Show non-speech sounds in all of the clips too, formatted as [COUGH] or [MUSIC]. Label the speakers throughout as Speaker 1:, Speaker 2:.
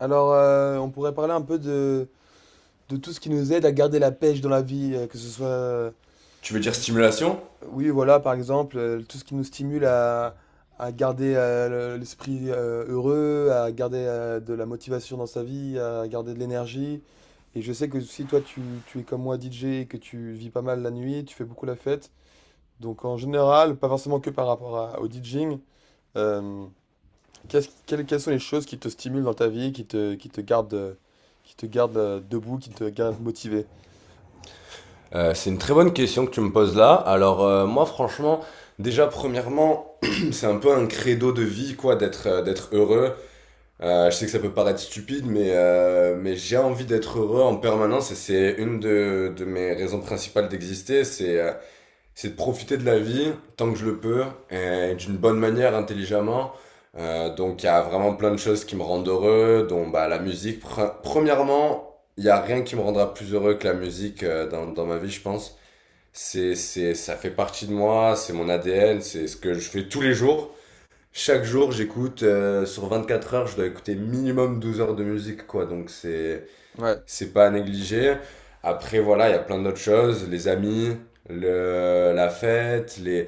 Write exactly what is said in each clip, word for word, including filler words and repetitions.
Speaker 1: Alors, euh, on pourrait parler un peu de, de tout ce qui nous aide à garder la pêche dans la vie, euh, que ce soit, euh,
Speaker 2: Tu veux
Speaker 1: que
Speaker 2: dire
Speaker 1: ce-
Speaker 2: stimulation?
Speaker 1: oui, voilà, par exemple, euh, tout ce qui nous stimule à, à garder euh, le- l'esprit euh, heureux, à garder euh, de la motivation dans sa vie, à garder de l'énergie. Et je sais que si toi, tu, tu es comme moi D J et que tu vis pas mal la nuit, tu fais beaucoup la fête. Donc, en général, pas forcément que par rapport à- au DJing. Qu'est-ce- quelles, quelles sont les choses qui te stimulent dans ta vie, qui te, qui te gardent, euh, qui te gardent euh, debout, qui te gardent motivé?
Speaker 2: Euh, c'est une très bonne question que tu me poses là. Alors euh, moi, franchement, déjà premièrement, [CLEARS THROAT] c'est un peu un credo de vie, quoi, d'être euh, d'être heureux. Euh, je sais que ça peut paraître stupide, mais euh, mais j'ai envie d'être heureux en permanence, et c'est une de, de mes raisons principales d'exister. C'est euh, C'est de profiter de la vie tant que je le peux, et d'une bonne manière, intelligemment. Euh, donc il y a vraiment plein de choses qui me rendent heureux, dont bah, la musique. Pre- premièrement, il n'y a rien qui me rendra plus heureux que la musique euh, dans, dans ma vie, je pense. C'est, c'est, ça fait partie de moi, c'est mon A D N, c'est ce que je fais tous les jours. Chaque jour, j'écoute, euh, sur quatre heures, je dois écouter minimum douze heures de musique, quoi. Donc c'est,
Speaker 1: Ouais,
Speaker 2: c'est pas à négliger. Après, voilà, il y a plein d'autres choses, les amis, le, la fête, les...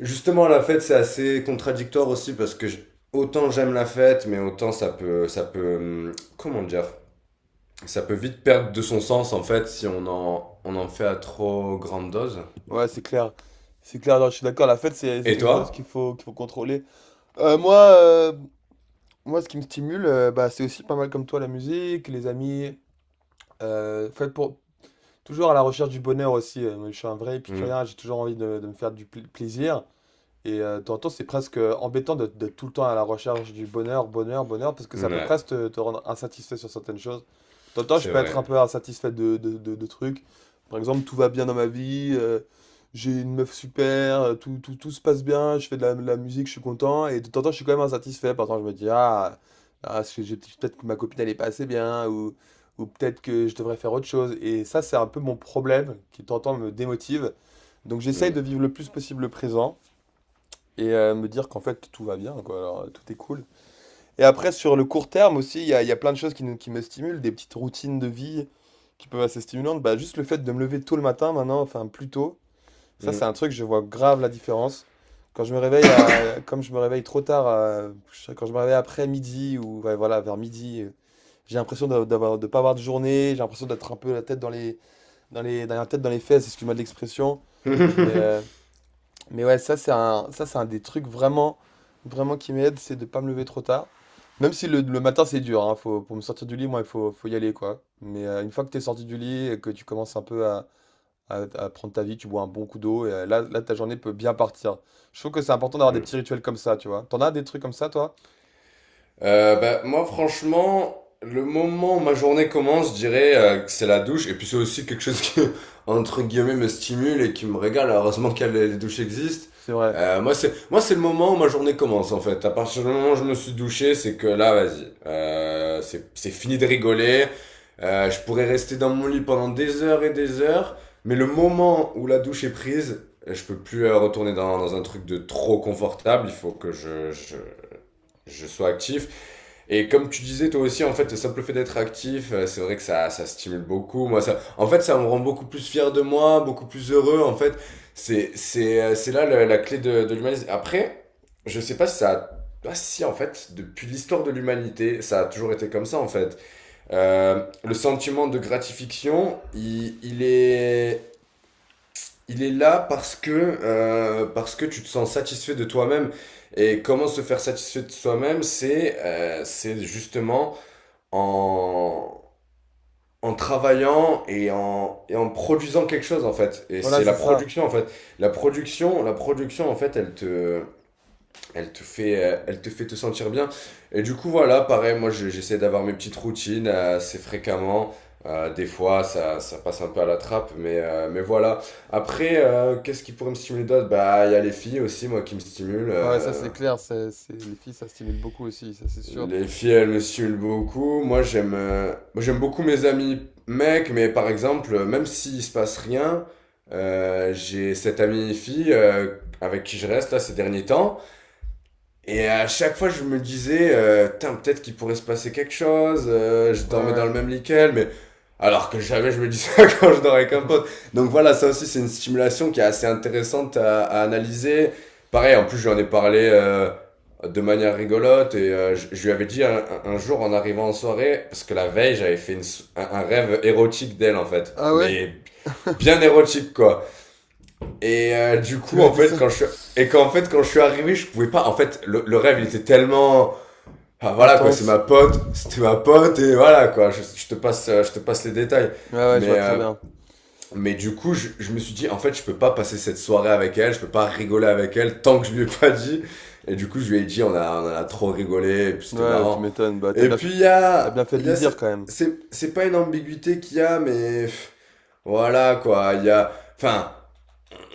Speaker 2: Justement, la fête, c'est assez contradictoire aussi parce que je- autant j'aime la fête, mais autant ça peut, ça peut, hum, comment dire, ça peut vite perdre de son sens, en fait, si on en, on en fait à trop grande dose.
Speaker 1: ouais, c'est clair. C'est clair, non, je suis d'accord, la fête, c'est c'est
Speaker 2: Et
Speaker 1: quelque chose qu'il
Speaker 2: toi?
Speaker 1: faut, qu'il faut contrôler. Euh, moi, euh, Moi, ce qui me stimule, euh, bah, c'est aussi pas mal comme toi, la musique, les amis. Euh, fait pour, Toujours à la recherche du bonheur aussi. Euh, moi, je suis un vrai
Speaker 2: Hum.
Speaker 1: épicurien, j'ai toujours envie de, de me faire du pla- plaisir. Et euh, de temps en temps, c'est presque euh, embêtant de- d'être tout le temps à la recherche du bonheur, bonheur, bonheur, parce que ça peut
Speaker 2: Ouais,
Speaker 1: presque te, te rendre insatisfait sur certaines choses. De temps en temps, je
Speaker 2: c'est
Speaker 1: peux être
Speaker 2: vrai.
Speaker 1: un peu insatisfait de, de, de- de trucs. Par exemple, tout va bien dans ma vie, euh, j'ai une meuf super, euh, tout, tout, tout se passe bien, je fais de la, de la musique, je suis content, et de temps en temps, je suis quand même insatisfait. Par exemple, je me dis, ah, ah, est-ce que j'ai- peut-être que ma copine, elle est pas assez bien, ou, ou peut-être que je devrais faire autre chose. Et ça, c'est un peu mon problème qui, de temps en temps, me démotive. Donc, j'essaye
Speaker 2: Hum,
Speaker 1: de vivre le plus possible le présent et euh, me dire qu'en fait tout va bien, quoi. Alors, euh, tout est cool. Et après, sur le court terme aussi, il y a, il y a plein de choses qui, nous- qui me stimulent, des petites routines de vie qui peuvent être assez stimulantes. Bah, juste le fait de me lever tôt le matin maintenant, enfin plus tôt, ça c'est
Speaker 2: hum.
Speaker 1: un truc, je vois grave la différence. Quand je me réveille, à, comme je me réveille trop tard, à- je- quand je me réveille après midi ou ouais, voilà, vers midi, euh, j'ai l'impression d'a- d'avoir, de pas avoir de journée, j'ai l'impression d'être un peu la tête dans les, dans les, dans la tête dans les fesses, excuse-moi de l'expression. Mais, euh,
Speaker 2: [LAUGHS]
Speaker 1: mais ouais, ça c'est un, ça c'est un des trucs vraiment, vraiment qui m'aide, c'est de pas me lever trop tard. Même si le, le matin c'est dur, hein, faut, pour me sortir du lit, moi il faut, faut y aller quoi. Mais euh, une fois que t'es sorti du lit et que tu commences un peu à, à- à prendre ta vie, tu bois un bon coup d'eau et euh, là, là ta journée peut bien partir. Je trouve que c'est important d'avoir des
Speaker 2: Hum.
Speaker 1: petits rituels comme ça, tu vois. T'en as des trucs comme ça toi?
Speaker 2: Euh, bah, moi, franchement, le moment où ma journée commence, je dirais euh, que c'est la douche. Et puis, c'est aussi quelque chose qui, [LAUGHS] entre guillemets, me stimule et qui me régale. Heureusement que les les douches existent.
Speaker 1: C'est vrai.
Speaker 2: Euh, moi, c'est, moi, c'est le moment où ma journée commence, en fait. À partir du moment où je me suis douché, c'est que là, vas-y. Euh, c'est, c'est fini de rigoler. Euh, je pourrais rester dans mon lit pendant des heures et des heures. Mais le moment où la douche est prise, je peux plus euh, retourner dans, dans un truc de trop confortable. Il faut que je, je, je sois actif. Et comme tu disais toi aussi, en fait, le simple fait d'être actif, euh, c'est vrai que ça, ça stimule beaucoup. Moi, ça, en fait, ça me rend beaucoup plus fier de moi, beaucoup plus heureux. En fait, c'est, c'est, euh, c'est là la, la clé de, de l'humanisme. Après, je sais pas si ça a... Bah si, en fait, depuis l'histoire de l'humanité, ça a toujours été comme ça, en fait. Euh, le sentiment de gratification, il, il est il est là parce que, euh, parce que tu te sens satisfait de toi-même. Et comment se faire satisfait de soi-même, c'est euh, c'est justement en, en travaillant et en, et en produisant quelque chose, en fait. Et
Speaker 1: Voilà,
Speaker 2: c'est la
Speaker 1: c'est ça.
Speaker 2: production, en fait. La production, la production, en fait, elle te, elle te fait, euh, elle te fait te sentir bien. Et du coup, voilà, pareil, moi, je- j'essaie d'avoir mes petites routines euh, assez fréquemment. Euh, des fois, ça, ça passe un peu à la trappe, mais, euh, mais voilà. Après, euh, qu'est-ce qui pourrait me stimuler d'autre? Bah, il y a les filles aussi, moi, qui me stimulent.
Speaker 1: Bah ouais, ça
Speaker 2: euh.
Speaker 1: c'est clair, c'est, c'est- les filles ça stimule beaucoup aussi, ça c'est sûr.
Speaker 2: Les filles, elles me stimulent beaucoup. Moi, j'aime, euh, moi, j'aime beaucoup mes amis mecs, mais par exemple, euh, même s'il se passe rien, euh, j'ai cette amie fille euh, avec qui je reste là ces derniers temps. Et à chaque fois, je me disais, euh, tain, peut-être qu'il pourrait se passer quelque chose. Euh, je
Speaker 1: Ouais,
Speaker 2: dormais dans
Speaker 1: ouais.
Speaker 2: le même lit qu'elle, mais alors que jamais je me dis ça [LAUGHS] quand je dormais avec un pote.
Speaker 1: [LAUGHS]
Speaker 2: Donc voilà, ça aussi, c'est une stimulation qui est assez intéressante à, à analyser. Pareil, en plus, j'en ai parlé euh, de manière rigolote, et euh, je, je lui avais dit un, un- un jour en arrivant en soirée, parce que la veille, j'avais fait une s- un, un rêve érotique d'elle, en fait,
Speaker 1: Ah ouais?
Speaker 2: mais bien érotique, quoi. Et euh, du
Speaker 1: Tu
Speaker 2: coup,
Speaker 1: m'as
Speaker 2: en
Speaker 1: dit
Speaker 2: fait,
Speaker 1: ça?
Speaker 2: quand je suis... Et qu'en fait, quand je suis arrivé, je pouvais pas... En fait, le, le rêve, il était tellement... Ah voilà, quoi, c'est
Speaker 1: Intense.
Speaker 2: ma pote, c'était ma pote, et voilà, quoi, je, je te, passe, euh, je te passe les détails.
Speaker 1: Ouais, ouais, je
Speaker 2: Mais,
Speaker 1: vois très
Speaker 2: euh,
Speaker 1: bien.
Speaker 2: mais du coup, je, je me suis dit, en fait, je peux pas passer cette soirée avec elle, je peux pas rigoler avec elle tant que je lui ai pas dit. Et du coup, je lui ai dit, on a, on a trop rigolé, et puis c'était
Speaker 1: Ouais, tu
Speaker 2: marrant.
Speaker 1: m'étonnes. Bah, t'as
Speaker 2: Et
Speaker 1: bien fait...
Speaker 2: puis, il y
Speaker 1: t'as bien
Speaker 2: a...
Speaker 1: fait de
Speaker 2: il Y
Speaker 1: lui
Speaker 2: a
Speaker 1: dire
Speaker 2: c'est,
Speaker 1: quand même.
Speaker 2: c'est, c'est pas une ambiguïté qu'il y a, mais... pff. Voilà, quoi, il y a... Enfin,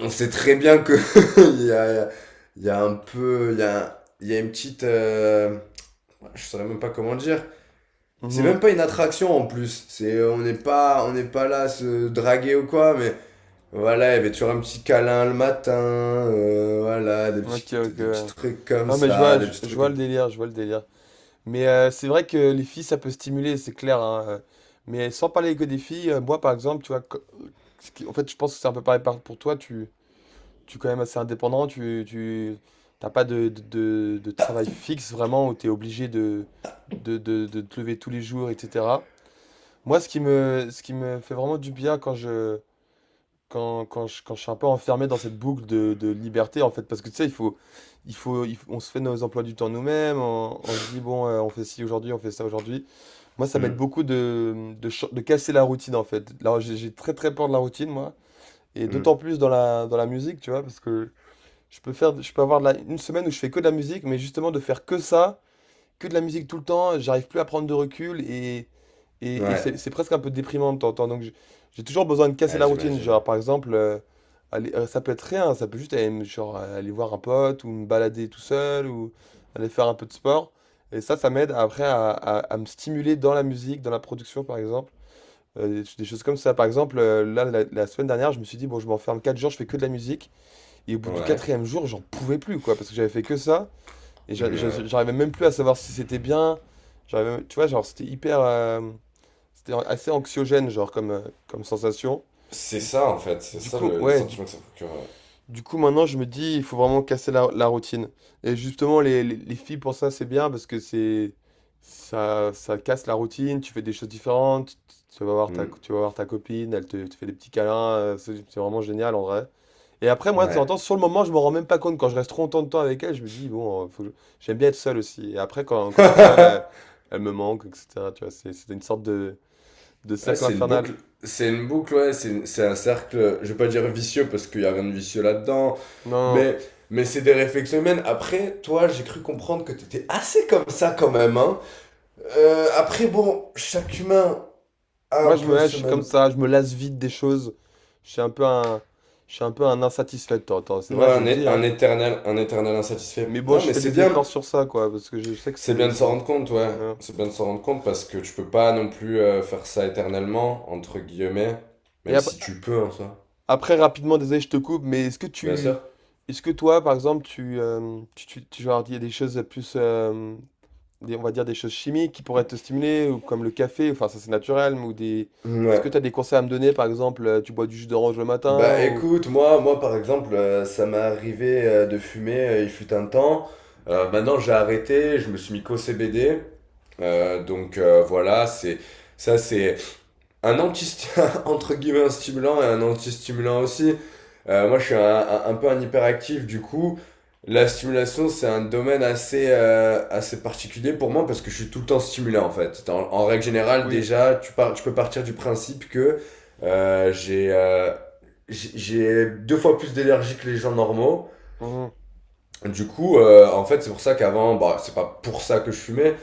Speaker 2: on sait très bien que [LAUGHS] il y a, il y a un peu, il y a, il y a une petite, euh, ouais, je saurais même pas comment dire. C'est
Speaker 1: Mhm.
Speaker 2: même pas une attraction en plus. C'est, on n'est pas, on n'est pas là à se draguer ou quoi, mais voilà, il y avait toujours un petit câlin le matin, euh, voilà, des petits,
Speaker 1: Ok, ok.
Speaker 2: des petits
Speaker 1: Ouais.
Speaker 2: trucs comme
Speaker 1: Non, mais je
Speaker 2: ça,
Speaker 1: vois,
Speaker 2: des
Speaker 1: je,
Speaker 2: petits
Speaker 1: je
Speaker 2: trucs.
Speaker 1: vois
Speaker 2: comme-
Speaker 1: le délire, je vois le délire. Mais euh, c'est vrai que les filles, ça peut stimuler, c'est clair. Hein, euh. Mais sans parler que des filles, euh, moi, par exemple, tu vois, co- ce qui- en fait, je pense que c'est un peu pareil par- pour toi. Tu, tu es quand même assez indépendant. Tu, tu, t'as pas de, de, de- de travail fixe vraiment où tu es obligé de, de, de, de te lever tous les jours, et cetera. Moi, ce qui me, ce qui me fait vraiment du bien quand je quand, quand, je, quand je suis un peu enfermé dans cette boucle de, de liberté, en fait, parce que tu sais, il faut, il faut, il faut- on se fait nos emplois du temps nous-mêmes, on, on se dit, bon, euh, on fait ci aujourd'hui, on fait ça aujourd'hui. Moi, ça m'aide
Speaker 2: Hum,
Speaker 1: beaucoup de, de, ch- de casser la routine, en fait. Là, j'ai j'ai très, très peur de la routine, moi, et
Speaker 2: hum.
Speaker 1: d'autant plus dans la, dans la musique, tu vois, parce que je peux faire, je peux avoir de la- une semaine où je fais que de la musique, mais justement, de faire que ça que de la musique tout le temps, j'arrive plus à prendre de recul et, et, et
Speaker 2: Ouais,
Speaker 1: c'est c'est presque un peu déprimant de temps en temps. Donc j'ai j'ai toujours besoin de casser
Speaker 2: ouais,
Speaker 1: la routine.
Speaker 2: j'imagine.
Speaker 1: Genre par exemple, euh, aller, euh, ça peut être rien, ça peut juste aller, me- genre, euh, aller voir un pote ou me balader tout seul ou aller faire un peu de sport. Et ça, ça m'aide après à, à, à me stimuler dans la musique, dans la production par exemple. Euh, des, des choses comme ça. Par exemple, euh, là, la, la semaine dernière, je me suis dit, bon, je m'enferme quatre jours, je fais que de la musique. Et au bout du
Speaker 2: Ouais.
Speaker 1: quatrième jour, j'en pouvais plus, quoi, parce que j'avais fait que ça. Et j'a-
Speaker 2: Hum,
Speaker 1: j'a-
Speaker 2: ouais.
Speaker 1: j'arrivais même plus à savoir si c'était bien. J'arrivais, tu vois, genre, c'était hyper. Euh, c'était assez anxiogène, genre, comme, euh, comme sensation.
Speaker 2: C'est ça, en fait, c'est
Speaker 1: Du
Speaker 2: ça
Speaker 1: coup,
Speaker 2: le- les
Speaker 1: ouais, du,
Speaker 2: sentiments que ça procure. Ouais.
Speaker 1: du coup, maintenant, je me dis, il faut vraiment casser la, la routine. Et justement, les, les, les filles, pour ça, c'est bien parce que c'est. Ça, ça casse la routine, tu fais des choses différentes, tu tu vas voir ta,
Speaker 2: Hum.
Speaker 1: tu vas voir ta copine, elle te, te fait des petits câlins, euh, c'est c'est vraiment génial en vrai. Et après, moi, de temps en
Speaker 2: Ouais.
Speaker 1: temps, sur le moment, je me rends même pas compte. Quand je reste trop longtemps de temps avec elle, je me dis, bon, euh, faut que je- j'aime bien être seul aussi. Et après, quand, quand je suis seul, elle,
Speaker 2: [LAUGHS]
Speaker 1: elle me manque, et cetera. Tu vois, c'est c'est une sorte de, de
Speaker 2: Ouais,
Speaker 1: cercle
Speaker 2: c'est une
Speaker 1: infernal.
Speaker 2: boucle, c'est une boucle, ouais, c'est une- c'est un cercle, je vais pas dire vicieux parce qu'il y a rien de vicieux là-dedans,
Speaker 1: Non, non.
Speaker 2: mais, mais c'est des réflexions humaines. Après, toi, j'ai cru comprendre que t'étais assez comme ça quand même, hein. Euh, après, bon, chaque humain a
Speaker 1: Moi,
Speaker 2: un
Speaker 1: je me
Speaker 2: peu
Speaker 1: lâche, je
Speaker 2: ce
Speaker 1: suis
Speaker 2: même...
Speaker 1: comme ça, je me lasse vite des choses. Je suis un peu un, je suis un peu un insatisfait de temps en temps. C'est vrai,
Speaker 2: Ouais,
Speaker 1: je
Speaker 2: un,
Speaker 1: le
Speaker 2: é-
Speaker 1: dis,
Speaker 2: un
Speaker 1: hein.
Speaker 2: éternel, un éternel
Speaker 1: Mais
Speaker 2: insatisfait.
Speaker 1: bon,
Speaker 2: Non,
Speaker 1: je
Speaker 2: mais
Speaker 1: fais
Speaker 2: c'est
Speaker 1: des
Speaker 2: bien,
Speaker 1: efforts sur ça, quoi, parce que je sais que
Speaker 2: c'est
Speaker 1: c'est,
Speaker 2: bien de s'en
Speaker 1: c'est...
Speaker 2: rendre compte, ouais.
Speaker 1: voilà.
Speaker 2: C'est bien de s'en rendre compte parce que tu peux pas non plus euh, faire ça éternellement, entre guillemets,
Speaker 1: Et
Speaker 2: même
Speaker 1: après,
Speaker 2: si tu peux en soi.
Speaker 1: après, rapidement, désolé, je te coupe, mais est-ce que
Speaker 2: Bien sûr.
Speaker 1: tu... Est-ce que toi, par exemple, tu, euh, tu, tu, tu genre, il y a des choses plus euh, des- on va dire des choses chimiques qui pourraient te stimuler, ou comme le café, enfin ça c'est naturel, mais ou des... Est-ce que tu as
Speaker 2: Ouais.
Speaker 1: des conseils à me donner, par exemple, euh, tu bois du jus d'orange le matin
Speaker 2: Bah
Speaker 1: ou...
Speaker 2: écoute, moi, moi par exemple, euh, ça m'est arrivé euh, de fumer, euh, il fut un temps. Euh, maintenant j'ai arrêté, je me suis mis qu'au C B D. Euh, donc euh, voilà, c'est ça c'est un anti, [LAUGHS] entre guillemets, un stimulant et un anti-stimulant aussi. Euh, moi, je suis un, un, un peu un hyperactif, du coup, la stimulation, c'est un domaine assez, euh, assez particulier pour moi parce que je suis tout le temps stimulé, en fait. En, en règle générale,
Speaker 1: Oui.
Speaker 2: déjà, tu, par tu peux partir du principe que euh, j'ai euh, j'ai j'ai deux fois plus d'énergie que les gens normaux,
Speaker 1: Mhm.
Speaker 2: du coup, euh, en fait, c'est pour ça qu'avant, bah, c'est pas pour ça que je fumais,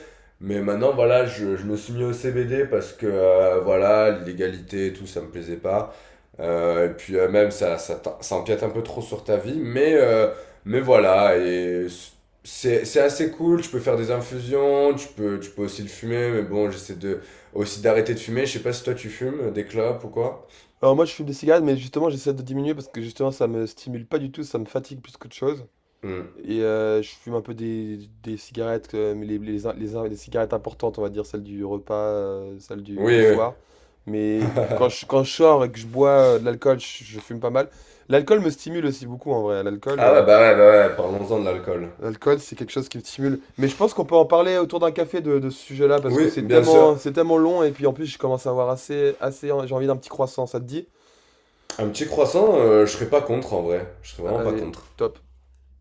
Speaker 2: mais maintenant, voilà, je, je me suis mis au C B D parce que, euh, voilà, l'illégalité et tout, ça me plaisait pas. Euh, et puis, euh, même, ça, ça, t'en- ça empiète un peu trop sur ta vie, mais, euh, mais voilà, et c'est, c'est assez cool. Tu peux faire des infusions, tu peux, tu peux aussi le fumer, mais bon, j'essaie de, aussi d'arrêter de fumer. Je sais pas si toi tu fumes euh, des clopes ou quoi.
Speaker 1: Alors moi je fume des cigarettes, mais justement j'essaie de diminuer parce que justement ça me stimule pas du tout, ça me fatigue plus qu'autre chose.
Speaker 2: Hmm.
Speaker 1: Et euh, je fume un peu des, des cigarettes, euh, mais les, les, les- les cigarettes importantes, on va dire, celles du repas, euh, celles du, du
Speaker 2: Oui, oui.
Speaker 1: soir. Mais quand je, quand je sors et que je bois euh, de l'alcool, je, je fume pas mal. L'alcool me stimule aussi beaucoup en vrai. L'alcool...
Speaker 2: Ah
Speaker 1: euh,
Speaker 2: ouais, bah ouais, bah ouais, parlons-en de l'alcool.
Speaker 1: L'alcool, c'est quelque chose qui me stimule. Mais je pense qu'on peut en parler autour d'un café de, de ce sujet-là, parce que
Speaker 2: Oui,
Speaker 1: c'est
Speaker 2: bien sûr.
Speaker 1: tellement, c'est tellement long, et puis en plus, je commence à avoir assez, assez, j'ai envie d'un petit croissant, ça te dit?
Speaker 2: Un petit croissant, euh, je serais pas contre en vrai. Je serais vraiment pas
Speaker 1: Allez,
Speaker 2: contre.
Speaker 1: top.